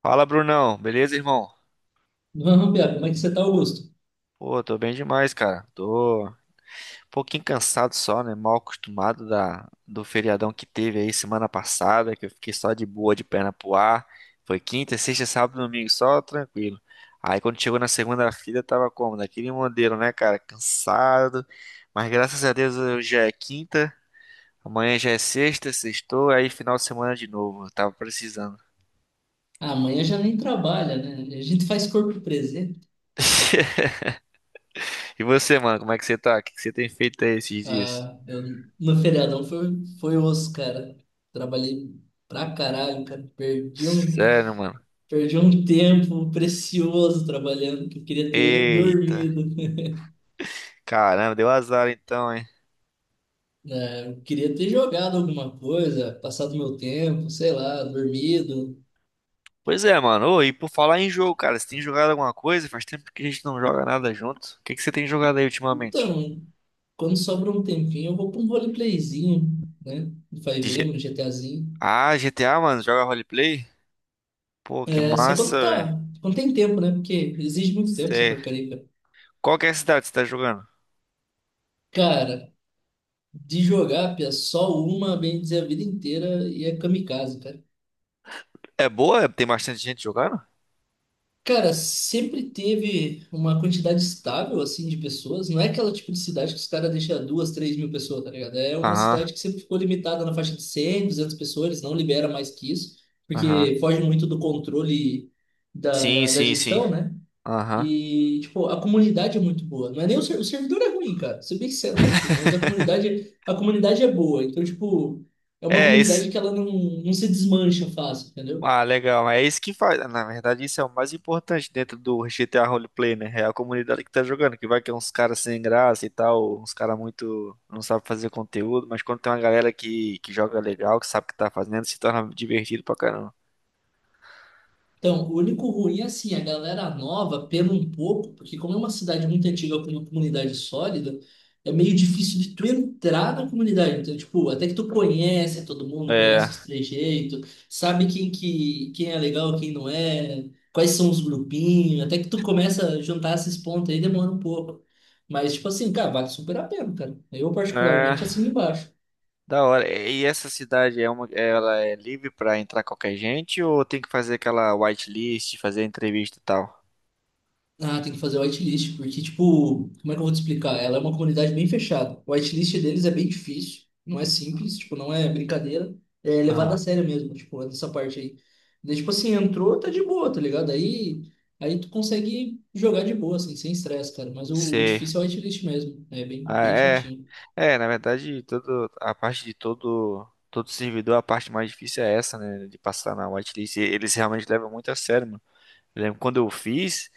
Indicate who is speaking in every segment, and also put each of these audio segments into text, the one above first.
Speaker 1: Fala, Brunão. Beleza, irmão?
Speaker 2: Vamos, Biago, como é que você tá, Augusto?
Speaker 1: Pô, tô bem demais, cara. Tô um pouquinho cansado só, né? Mal acostumado do feriadão que teve aí semana passada, que eu fiquei só de boa, de perna pro ar. Foi quinta, sexta, sábado, domingo, só tranquilo. Aí quando chegou na segunda-feira, tava como? Daquele modelo, né, cara? Cansado. Mas graças a Deus hoje já é quinta, amanhã já é sexta, sextou, aí final de semana de novo. Eu tava precisando.
Speaker 2: Ah, amanhã já nem trabalha, né? A gente faz corpo presente.
Speaker 1: E você, mano, como é que você tá? O que que você tem feito aí esses dias?
Speaker 2: Ah, no feriadão foi osso, cara. Trabalhei pra caralho, cara. Perdi um,
Speaker 1: Sério, mano.
Speaker 2: perdi um tempo precioso trabalhando, que eu queria ter
Speaker 1: Eita,
Speaker 2: dormido.
Speaker 1: caramba, deu azar então, hein?
Speaker 2: Né? Eu queria ter jogado alguma coisa, passado meu tempo, sei lá, dormido.
Speaker 1: Pois é, mano. Ô, e por falar em jogo, cara, você tem jogado alguma coisa? Faz tempo que a gente não joga nada junto. O que que você tem jogado aí ultimamente?
Speaker 2: Então, quando sobra um tempinho, eu vou pra um roleplayzinho, né? Vai
Speaker 1: De
Speaker 2: ver,
Speaker 1: G-
Speaker 2: um GTAzinho.
Speaker 1: Ah, GTA, mano, joga roleplay? Pô, que
Speaker 2: É, só
Speaker 1: massa, velho.
Speaker 2: quando tem tempo, né? Porque exige muito tempo essa
Speaker 1: Cê... é,
Speaker 2: porcaria, cara.
Speaker 1: Qual que é a cidade que você tá jogando?
Speaker 2: Cara, de jogar, pia, só uma, bem dizer, a vida inteira e é kamikaze, cara.
Speaker 1: É boa? Tem bastante gente jogando?
Speaker 2: Cara, sempre teve uma quantidade estável, assim, de pessoas. Não é aquela tipo de cidade que os caras deixam duas, 3.000 pessoas, tá ligado? É uma
Speaker 1: Aham,
Speaker 2: cidade que sempre ficou limitada na faixa de 100 200 pessoas, eles não libera mais que isso,
Speaker 1: aham.
Speaker 2: porque foge muito do controle da,
Speaker 1: Sim,
Speaker 2: da, da
Speaker 1: sim, sim.
Speaker 2: gestão, né?
Speaker 1: Aham.
Speaker 2: E, tipo, a comunidade é muito boa. Não é nem o servidor é ruim, cara. Ser bem sincero pra ti, mas a comunidade é boa. Então, tipo, é uma
Speaker 1: É, esse.
Speaker 2: comunidade que ela não se desmancha fácil, entendeu?
Speaker 1: Ah, legal. É isso que faz. Na verdade, isso é o mais importante dentro do GTA Roleplay, né? É a comunidade que tá jogando, que vai que é uns caras sem graça e tal, uns caras muito não sabe fazer conteúdo, mas quando tem uma galera que, joga legal, que sabe o que tá fazendo, se torna divertido pra caramba.
Speaker 2: Então, o único ruim é assim, a galera nova pena um pouco, porque como é uma cidade muito antiga com uma comunidade sólida, é meio difícil de tu entrar na comunidade. Então, tipo, até que tu conhece todo mundo,
Speaker 1: É,
Speaker 2: conhece os trejeitos, sabe quem é legal, quem não é, quais são os grupinhos, até que tu começa a juntar esses pontos aí demora um pouco. Mas, tipo assim, cara, vale super a pena, cara. Eu
Speaker 1: é,
Speaker 2: particularmente assino embaixo.
Speaker 1: da hora. E essa cidade é uma, ela é livre pra entrar qualquer gente ou tem que fazer aquela whitelist, fazer entrevista e tal?
Speaker 2: Ah, tem que fazer whitelist, porque, tipo, como é que eu vou te explicar? Ela é uma comunidade bem fechada. O whitelist deles é bem difícil, não é simples, tipo, não é brincadeira. É levado
Speaker 1: Aham.
Speaker 2: a sério mesmo, tipo, nessa parte aí. Daí, tipo assim, entrou, tá de boa, tá ligado? Aí tu consegue jogar de boa, assim, sem estresse, cara. Mas o
Speaker 1: Sei.
Speaker 2: difícil é o whitelist mesmo, é bem,
Speaker 1: Ah,
Speaker 2: bem
Speaker 1: é,
Speaker 2: chatinho.
Speaker 1: é, na verdade, a parte de todo, todo servidor, a parte mais difícil é essa, né, de passar na whitelist. E eles realmente levam muito a sério, mano. Eu lembro quando eu fiz,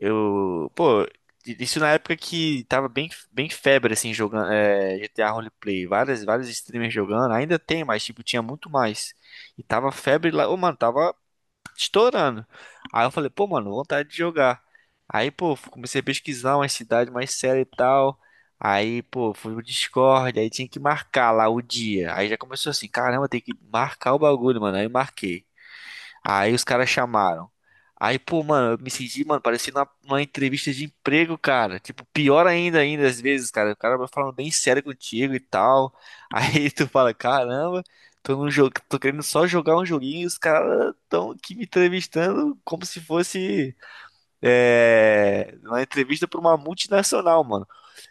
Speaker 1: eu, pô, isso na época que tava bem, bem febre, assim, jogando, GTA Roleplay, várias, vários streamers jogando, ainda tem, mas, tipo, tinha muito mais. E tava febre lá, ô, mano, tava estourando. Aí eu falei, pô, mano, vontade de jogar. Aí, pô, comecei a pesquisar uma cidade mais séria e tal. Aí, pô, fui no Discord, aí tinha que marcar lá o dia. Aí já começou assim, caramba, tem que marcar o bagulho, mano. Aí eu marquei. Aí os caras chamaram. Aí, pô, mano, eu me senti, mano, parecia uma entrevista de emprego, cara. Tipo, pior ainda, ainda às vezes, cara. O cara vai falando bem sério contigo e tal. Aí tu fala, caramba, tô num jogo, tô querendo só jogar um joguinho e os caras tão aqui me entrevistando como se fosse, uma entrevista pra uma multinacional, mano.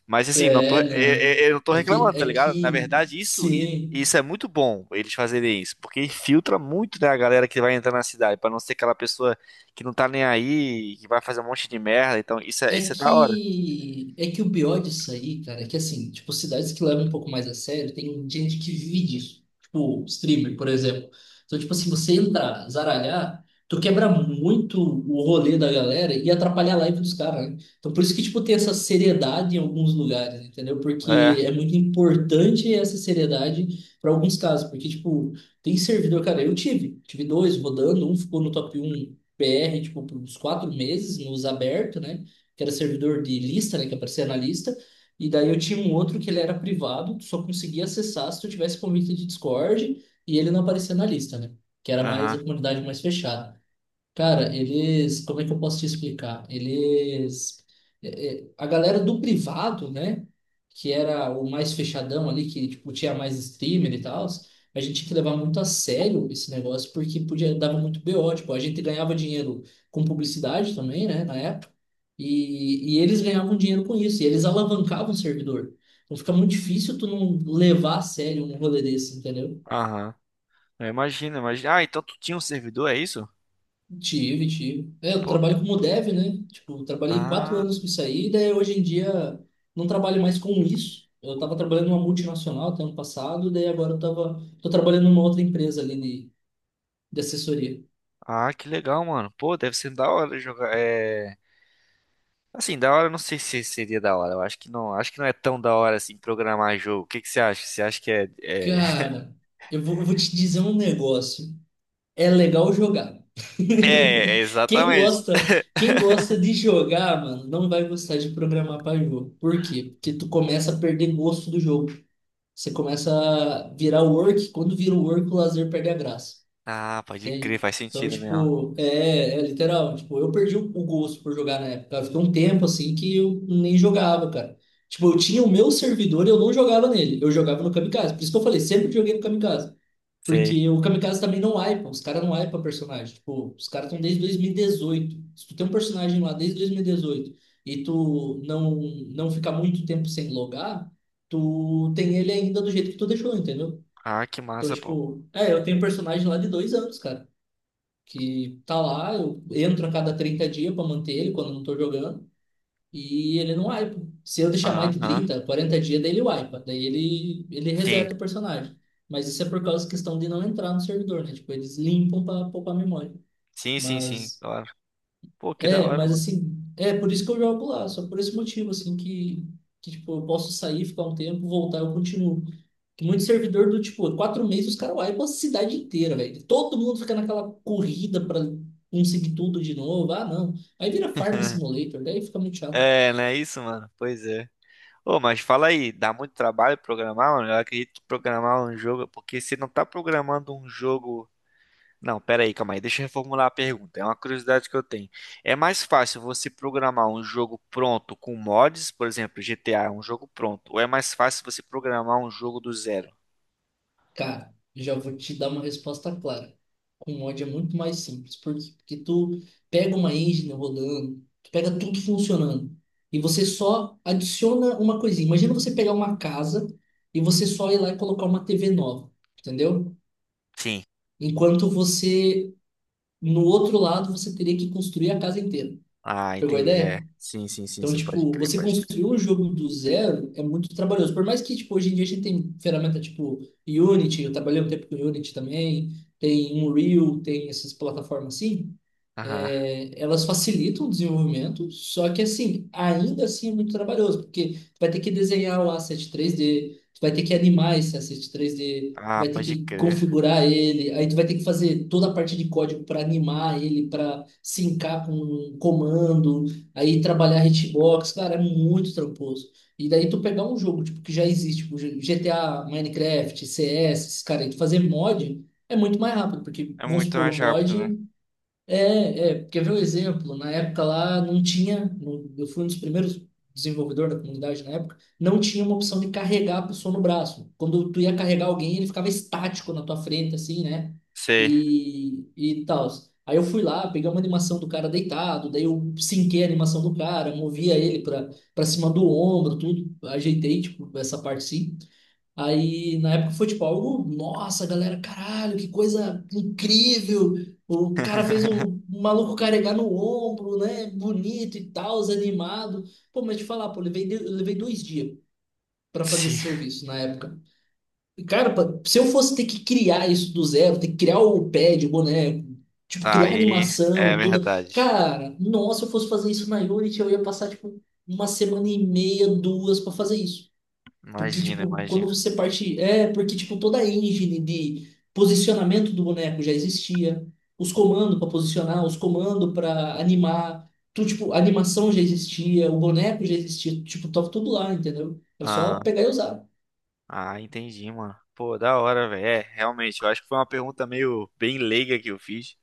Speaker 1: Mas assim, não tô, é-
Speaker 2: É,
Speaker 1: é-
Speaker 2: não.
Speaker 1: eu não tô
Speaker 2: É que,
Speaker 1: reclamando, tá
Speaker 2: é
Speaker 1: ligado? Na
Speaker 2: que,
Speaker 1: verdade,
Speaker 2: sim.
Speaker 1: isso é muito bom eles fazerem isso, porque filtra muito, né, a galera que vai entrar na cidade, pra não ser aquela pessoa que não tá nem aí, que vai fazer um monte de merda. Então,
Speaker 2: É
Speaker 1: isso é da hora.
Speaker 2: que, é que o pior disso aí, cara, é que assim, tipo, cidades que levam um pouco mais a sério, tem gente que vive disso. Tipo, streamer, por exemplo. Então, tipo assim, você entrar, zaralhar, tu quebra muito o rolê da galera e atrapalha a live dos caras, né? Então, por isso que, tipo, tem essa seriedade em alguns lugares, entendeu?
Speaker 1: É,
Speaker 2: Porque é muito importante essa seriedade para alguns casos. Porque, tipo, tem servidor, cara, eu tive dois rodando, um ficou no top 1 PR, tipo, por uns 4 meses, nos abertos, né? Que era servidor de lista, né, que aparecia na lista, e daí eu tinha um outro que ele era privado, tu só conseguia acessar se tu tivesse convite de Discord, e ele não aparecia na lista, né, que era mais a
Speaker 1: aham,
Speaker 2: comunidade mais fechada. Cara, eles, como é que eu posso te explicar? A galera do privado, né, que era o mais fechadão ali, que tipo tinha mais streamer e tal, a gente tinha que levar muito a sério esse negócio porque podia dava muito BO, tipo, a gente ganhava dinheiro com publicidade também, né, na época. E eles ganhavam dinheiro com isso, e eles alavancavam o servidor. Então fica muito difícil tu não levar a sério um rolê desse, entendeu?
Speaker 1: aham. Eu imagino, imagina. Ah, então tu tinha um servidor, é isso?
Speaker 2: Tive, tive. É, eu
Speaker 1: Pô, que-
Speaker 2: trabalho como dev, né? Tipo, eu trabalhei quatro
Speaker 1: ah,
Speaker 2: anos com isso aí, daí hoje em dia não trabalho mais com isso. Eu tava trabalhando numa multinacional até ano passado, daí agora eu tô trabalhando numa outra empresa ali de assessoria.
Speaker 1: ah, que legal, mano. Pô, deve ser da hora jogar. É, assim, da hora, eu não sei se seria da hora. Eu acho que não é tão da hora assim programar jogo. O que que você acha?
Speaker 2: Cara, eu vou te dizer um negócio. É legal jogar.
Speaker 1: É,
Speaker 2: Quem
Speaker 1: exatamente.
Speaker 2: gosta, quem gosta de jogar, mano, não vai gostar de programar para jogo. Por quê? Porque tu começa a perder gosto do jogo. Você começa a virar o work, quando vira o work, o lazer perde a graça,
Speaker 1: Ah, pode crer,
Speaker 2: entende?
Speaker 1: faz
Speaker 2: Então,
Speaker 1: sentido mesmo.
Speaker 2: tipo, é literal. Tipo, eu perdi o gosto por jogar na época. Eu ficou um tempo assim que eu nem jogava, cara. Tipo, eu tinha o meu servidor e eu não jogava nele. Eu jogava no Kamikaze. Por isso que eu falei, sempre joguei no Kamikaze.
Speaker 1: Sei.
Speaker 2: Porque o Kamikaze também não wipa, os caras não wipam personagem. Tipo, os caras estão desde 2018. Se tu tem um personagem lá desde 2018 e tu não ficar muito tempo sem logar, tu tem ele ainda do jeito que tu deixou, entendeu?
Speaker 1: Ah, que
Speaker 2: Então,
Speaker 1: massa, pô.
Speaker 2: tipo, é, eu tenho um personagem lá de 2 anos, cara, que tá lá, eu entro a cada 30 dias pra manter ele quando eu não tô jogando. E ele não wipa. Se eu deixar mais de
Speaker 1: Aham.
Speaker 2: 30, 40 dias, daí ele wipa. Daí ele
Speaker 1: Sim.
Speaker 2: reseta o personagem. Mas isso é por causa da questão de não entrar no servidor, né? Tipo, eles limpam para poupar memória.
Speaker 1: Sim, sim, sim,
Speaker 2: Mas,
Speaker 1: claro. Pô, que da
Speaker 2: é,
Speaker 1: hora,
Speaker 2: mas
Speaker 1: mano.
Speaker 2: assim, é por isso que eu jogo lá. Só por esse motivo, assim, que tipo, eu posso sair, ficar um tempo, voltar, eu continuo. Que muito servidor do, tipo, 4 meses os caras wipam a cidade inteira, velho. Todo mundo fica naquela corrida para conseguir tudo de novo. Ah, não. Aí vira Farm Simulator, daí fica muito chato.
Speaker 1: É, não é isso, mano? Pois é. Ô, mas fala aí, dá muito trabalho programar, mano? Eu acredito que programar um jogo, porque você não tá programando um jogo. Não, pera aí, calma aí, deixa eu reformular a pergunta. É uma curiosidade que eu tenho. É mais fácil você programar um jogo pronto com mods, por exemplo, GTA é um jogo pronto, ou é mais fácil você programar um jogo do zero?
Speaker 2: Cara, já vou te dar uma resposta clara. Com mod é muito mais simples, porque tu pega uma engine rolando, tu pega tudo funcionando, e você só adiciona uma coisinha. Imagina você pegar uma casa e você só ir lá e colocar uma TV nova, entendeu?
Speaker 1: Sim.
Speaker 2: Enquanto você, no outro lado, você teria que construir a casa inteira.
Speaker 1: Ah,
Speaker 2: Pegou a
Speaker 1: entendi. É.
Speaker 2: ideia?
Speaker 1: Sim, sim, sim,
Speaker 2: Então,
Speaker 1: sim, pode
Speaker 2: tipo,
Speaker 1: crer,
Speaker 2: você
Speaker 1: pode crer.
Speaker 2: construir um jogo do zero é muito trabalhoso. Por mais que, tipo, hoje em dia a gente tem ferramenta tipo Unity, eu trabalhei um tempo com Unity também, tem Unreal, tem essas plataformas assim.
Speaker 1: Aham.
Speaker 2: É, elas facilitam o desenvolvimento, só que assim, ainda assim é muito trabalhoso, porque tu vai ter que desenhar o asset 3D, tu vai ter que animar esse asset 3D, tu
Speaker 1: Ah,
Speaker 2: vai ter
Speaker 1: pode
Speaker 2: que
Speaker 1: crer.
Speaker 2: configurar ele, aí tu vai ter que fazer toda a parte de código para animar ele, para sincar com um comando, aí trabalhar hitbox, cara, é muito tramposo. E daí tu pegar um jogo tipo que já existe, tipo GTA, Minecraft, CS, esses cara, e tu fazer mod é muito mais rápido, porque
Speaker 1: É
Speaker 2: vamos
Speaker 1: muito
Speaker 2: supor
Speaker 1: mais
Speaker 2: um
Speaker 1: rápido,
Speaker 2: mod
Speaker 1: né?
Speaker 2: quer ver o exemplo? Na época lá não tinha, eu fui um dos primeiros desenvolvedores da comunidade na época, não tinha uma opção de carregar a pessoa no braço. Quando tu ia carregar alguém, ele ficava estático na tua frente, assim, né?
Speaker 1: Sei.
Speaker 2: E tal. Aí eu fui lá, peguei uma animação do cara deitado, daí eu sinquei a animação do cara, movia ele pra, cima do ombro, tudo, ajeitei, tipo, essa parte sim. Aí, na época, foi tipo algo, nossa, galera, caralho, que coisa incrível. O cara fez o maluco carregar no ombro, né? Bonito e tal, animado. Pô, mas te falar, pô, eu levei 2 dias pra fazer
Speaker 1: Sim.
Speaker 2: esse serviço na época. E, cara, se eu fosse ter que criar isso do zero, ter que criar o pad, o boneco, tipo, criar
Speaker 1: Aí é
Speaker 2: animação, toda.
Speaker 1: verdade.
Speaker 2: Cara, nossa, se eu fosse fazer isso na Unity, eu ia passar, tipo, uma semana e meia, duas pra fazer isso. Porque,
Speaker 1: Imagina,
Speaker 2: tipo, quando
Speaker 1: imagina.
Speaker 2: você parte. É, porque, tipo, toda a engine de posicionamento do boneco já existia. Os comandos para posicionar, os comandos para animar. Tu, tipo, a animação já existia, o boneco já existia. Tipo, tava tudo lá, entendeu? Era só
Speaker 1: Aham.
Speaker 2: pegar e usar.
Speaker 1: Ah, entendi, mano. Pô, da hora, velho. É, realmente, eu acho que foi uma pergunta meio bem leiga que eu fiz.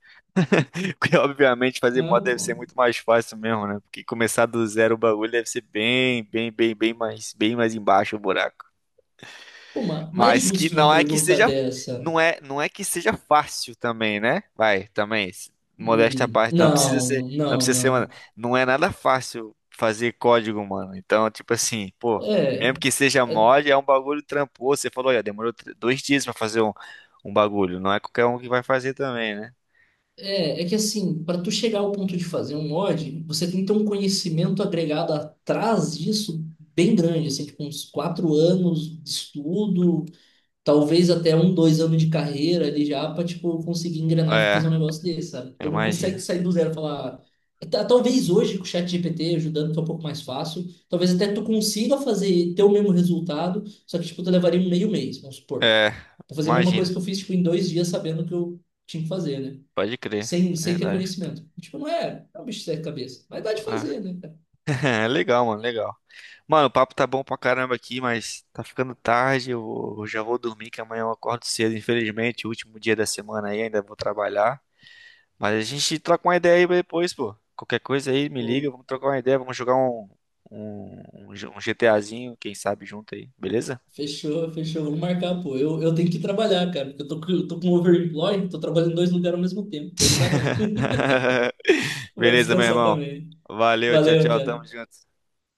Speaker 1: Porque, obviamente, fazer
Speaker 2: Ah,
Speaker 1: mod deve
Speaker 2: pô,
Speaker 1: ser muito mais fácil mesmo, né? Porque começar do zero o bagulho deve ser bem, bem, bem, bem mais embaixo o buraco.
Speaker 2: Mais
Speaker 1: Mas que
Speaker 2: justo uma
Speaker 1: não é que
Speaker 2: pergunta
Speaker 1: seja,
Speaker 2: dessa.
Speaker 1: não é, não é que seja fácil também, né? Modéstia à parte,
Speaker 2: Não,
Speaker 1: não
Speaker 2: não,
Speaker 1: precisa ser, mano,
Speaker 2: não.
Speaker 1: não é nada fácil fazer código, mano. Então, tipo assim, pô,
Speaker 2: É.
Speaker 1: mesmo que seja
Speaker 2: é
Speaker 1: mod, é um bagulho tramposo. Você falou, olha, 2 dias pra fazer um bagulho. Não é qualquer um que vai fazer também, né?
Speaker 2: é que assim, para tu chegar ao ponto de fazer um mod, você tem que ter um conhecimento agregado atrás disso bem grande, assim, tipo uns 4 anos de estudo, talvez até um, dois anos de carreira ali já para tipo conseguir engrenar e
Speaker 1: É,
Speaker 2: fazer um negócio desse, sabe?
Speaker 1: eu
Speaker 2: Tu não consegue
Speaker 1: imagino.
Speaker 2: sair do zero e falar, talvez hoje com o chat GPT ajudando que é um pouco mais fácil, talvez até tu consiga fazer ter o mesmo resultado, só que tipo tu levaria um meio mês, vamos supor,
Speaker 1: É,
Speaker 2: para fazer a mesma coisa
Speaker 1: imagino.
Speaker 2: que eu fiz tipo em 2 dias sabendo o que eu tinha que fazer, né?
Speaker 1: Pode crer,
Speaker 2: sem,
Speaker 1: é
Speaker 2: sem ter
Speaker 1: verdade.
Speaker 2: conhecimento. Tipo, não é, é um bicho de sete cabeças. Mas dá de
Speaker 1: Ah.
Speaker 2: fazer, né, cara?
Speaker 1: Legal. Mano, o papo tá bom pra caramba aqui, mas tá ficando tarde. Eu já vou dormir, que amanhã eu acordo cedo. Infelizmente, último dia da semana aí, ainda vou trabalhar. Mas a gente troca uma ideia aí depois, pô. Qualquer coisa aí, me
Speaker 2: Pô,
Speaker 1: liga, vamos trocar uma ideia, vamos jogar um, um, um G- um GTAzinho, quem sabe, junto aí, beleza?
Speaker 2: fechou, fechou. Vamos marcar, pô. Eu tenho que trabalhar, cara. Porque eu tô com overemploy, tô trabalhando em dois lugares ao mesmo tempo. Daí não dá, não. Eu vou
Speaker 1: Beleza, meu
Speaker 2: descansar
Speaker 1: irmão.
Speaker 2: também.
Speaker 1: Valeu, tchau,
Speaker 2: Valeu,
Speaker 1: tchau, tamo
Speaker 2: cara.
Speaker 1: junto.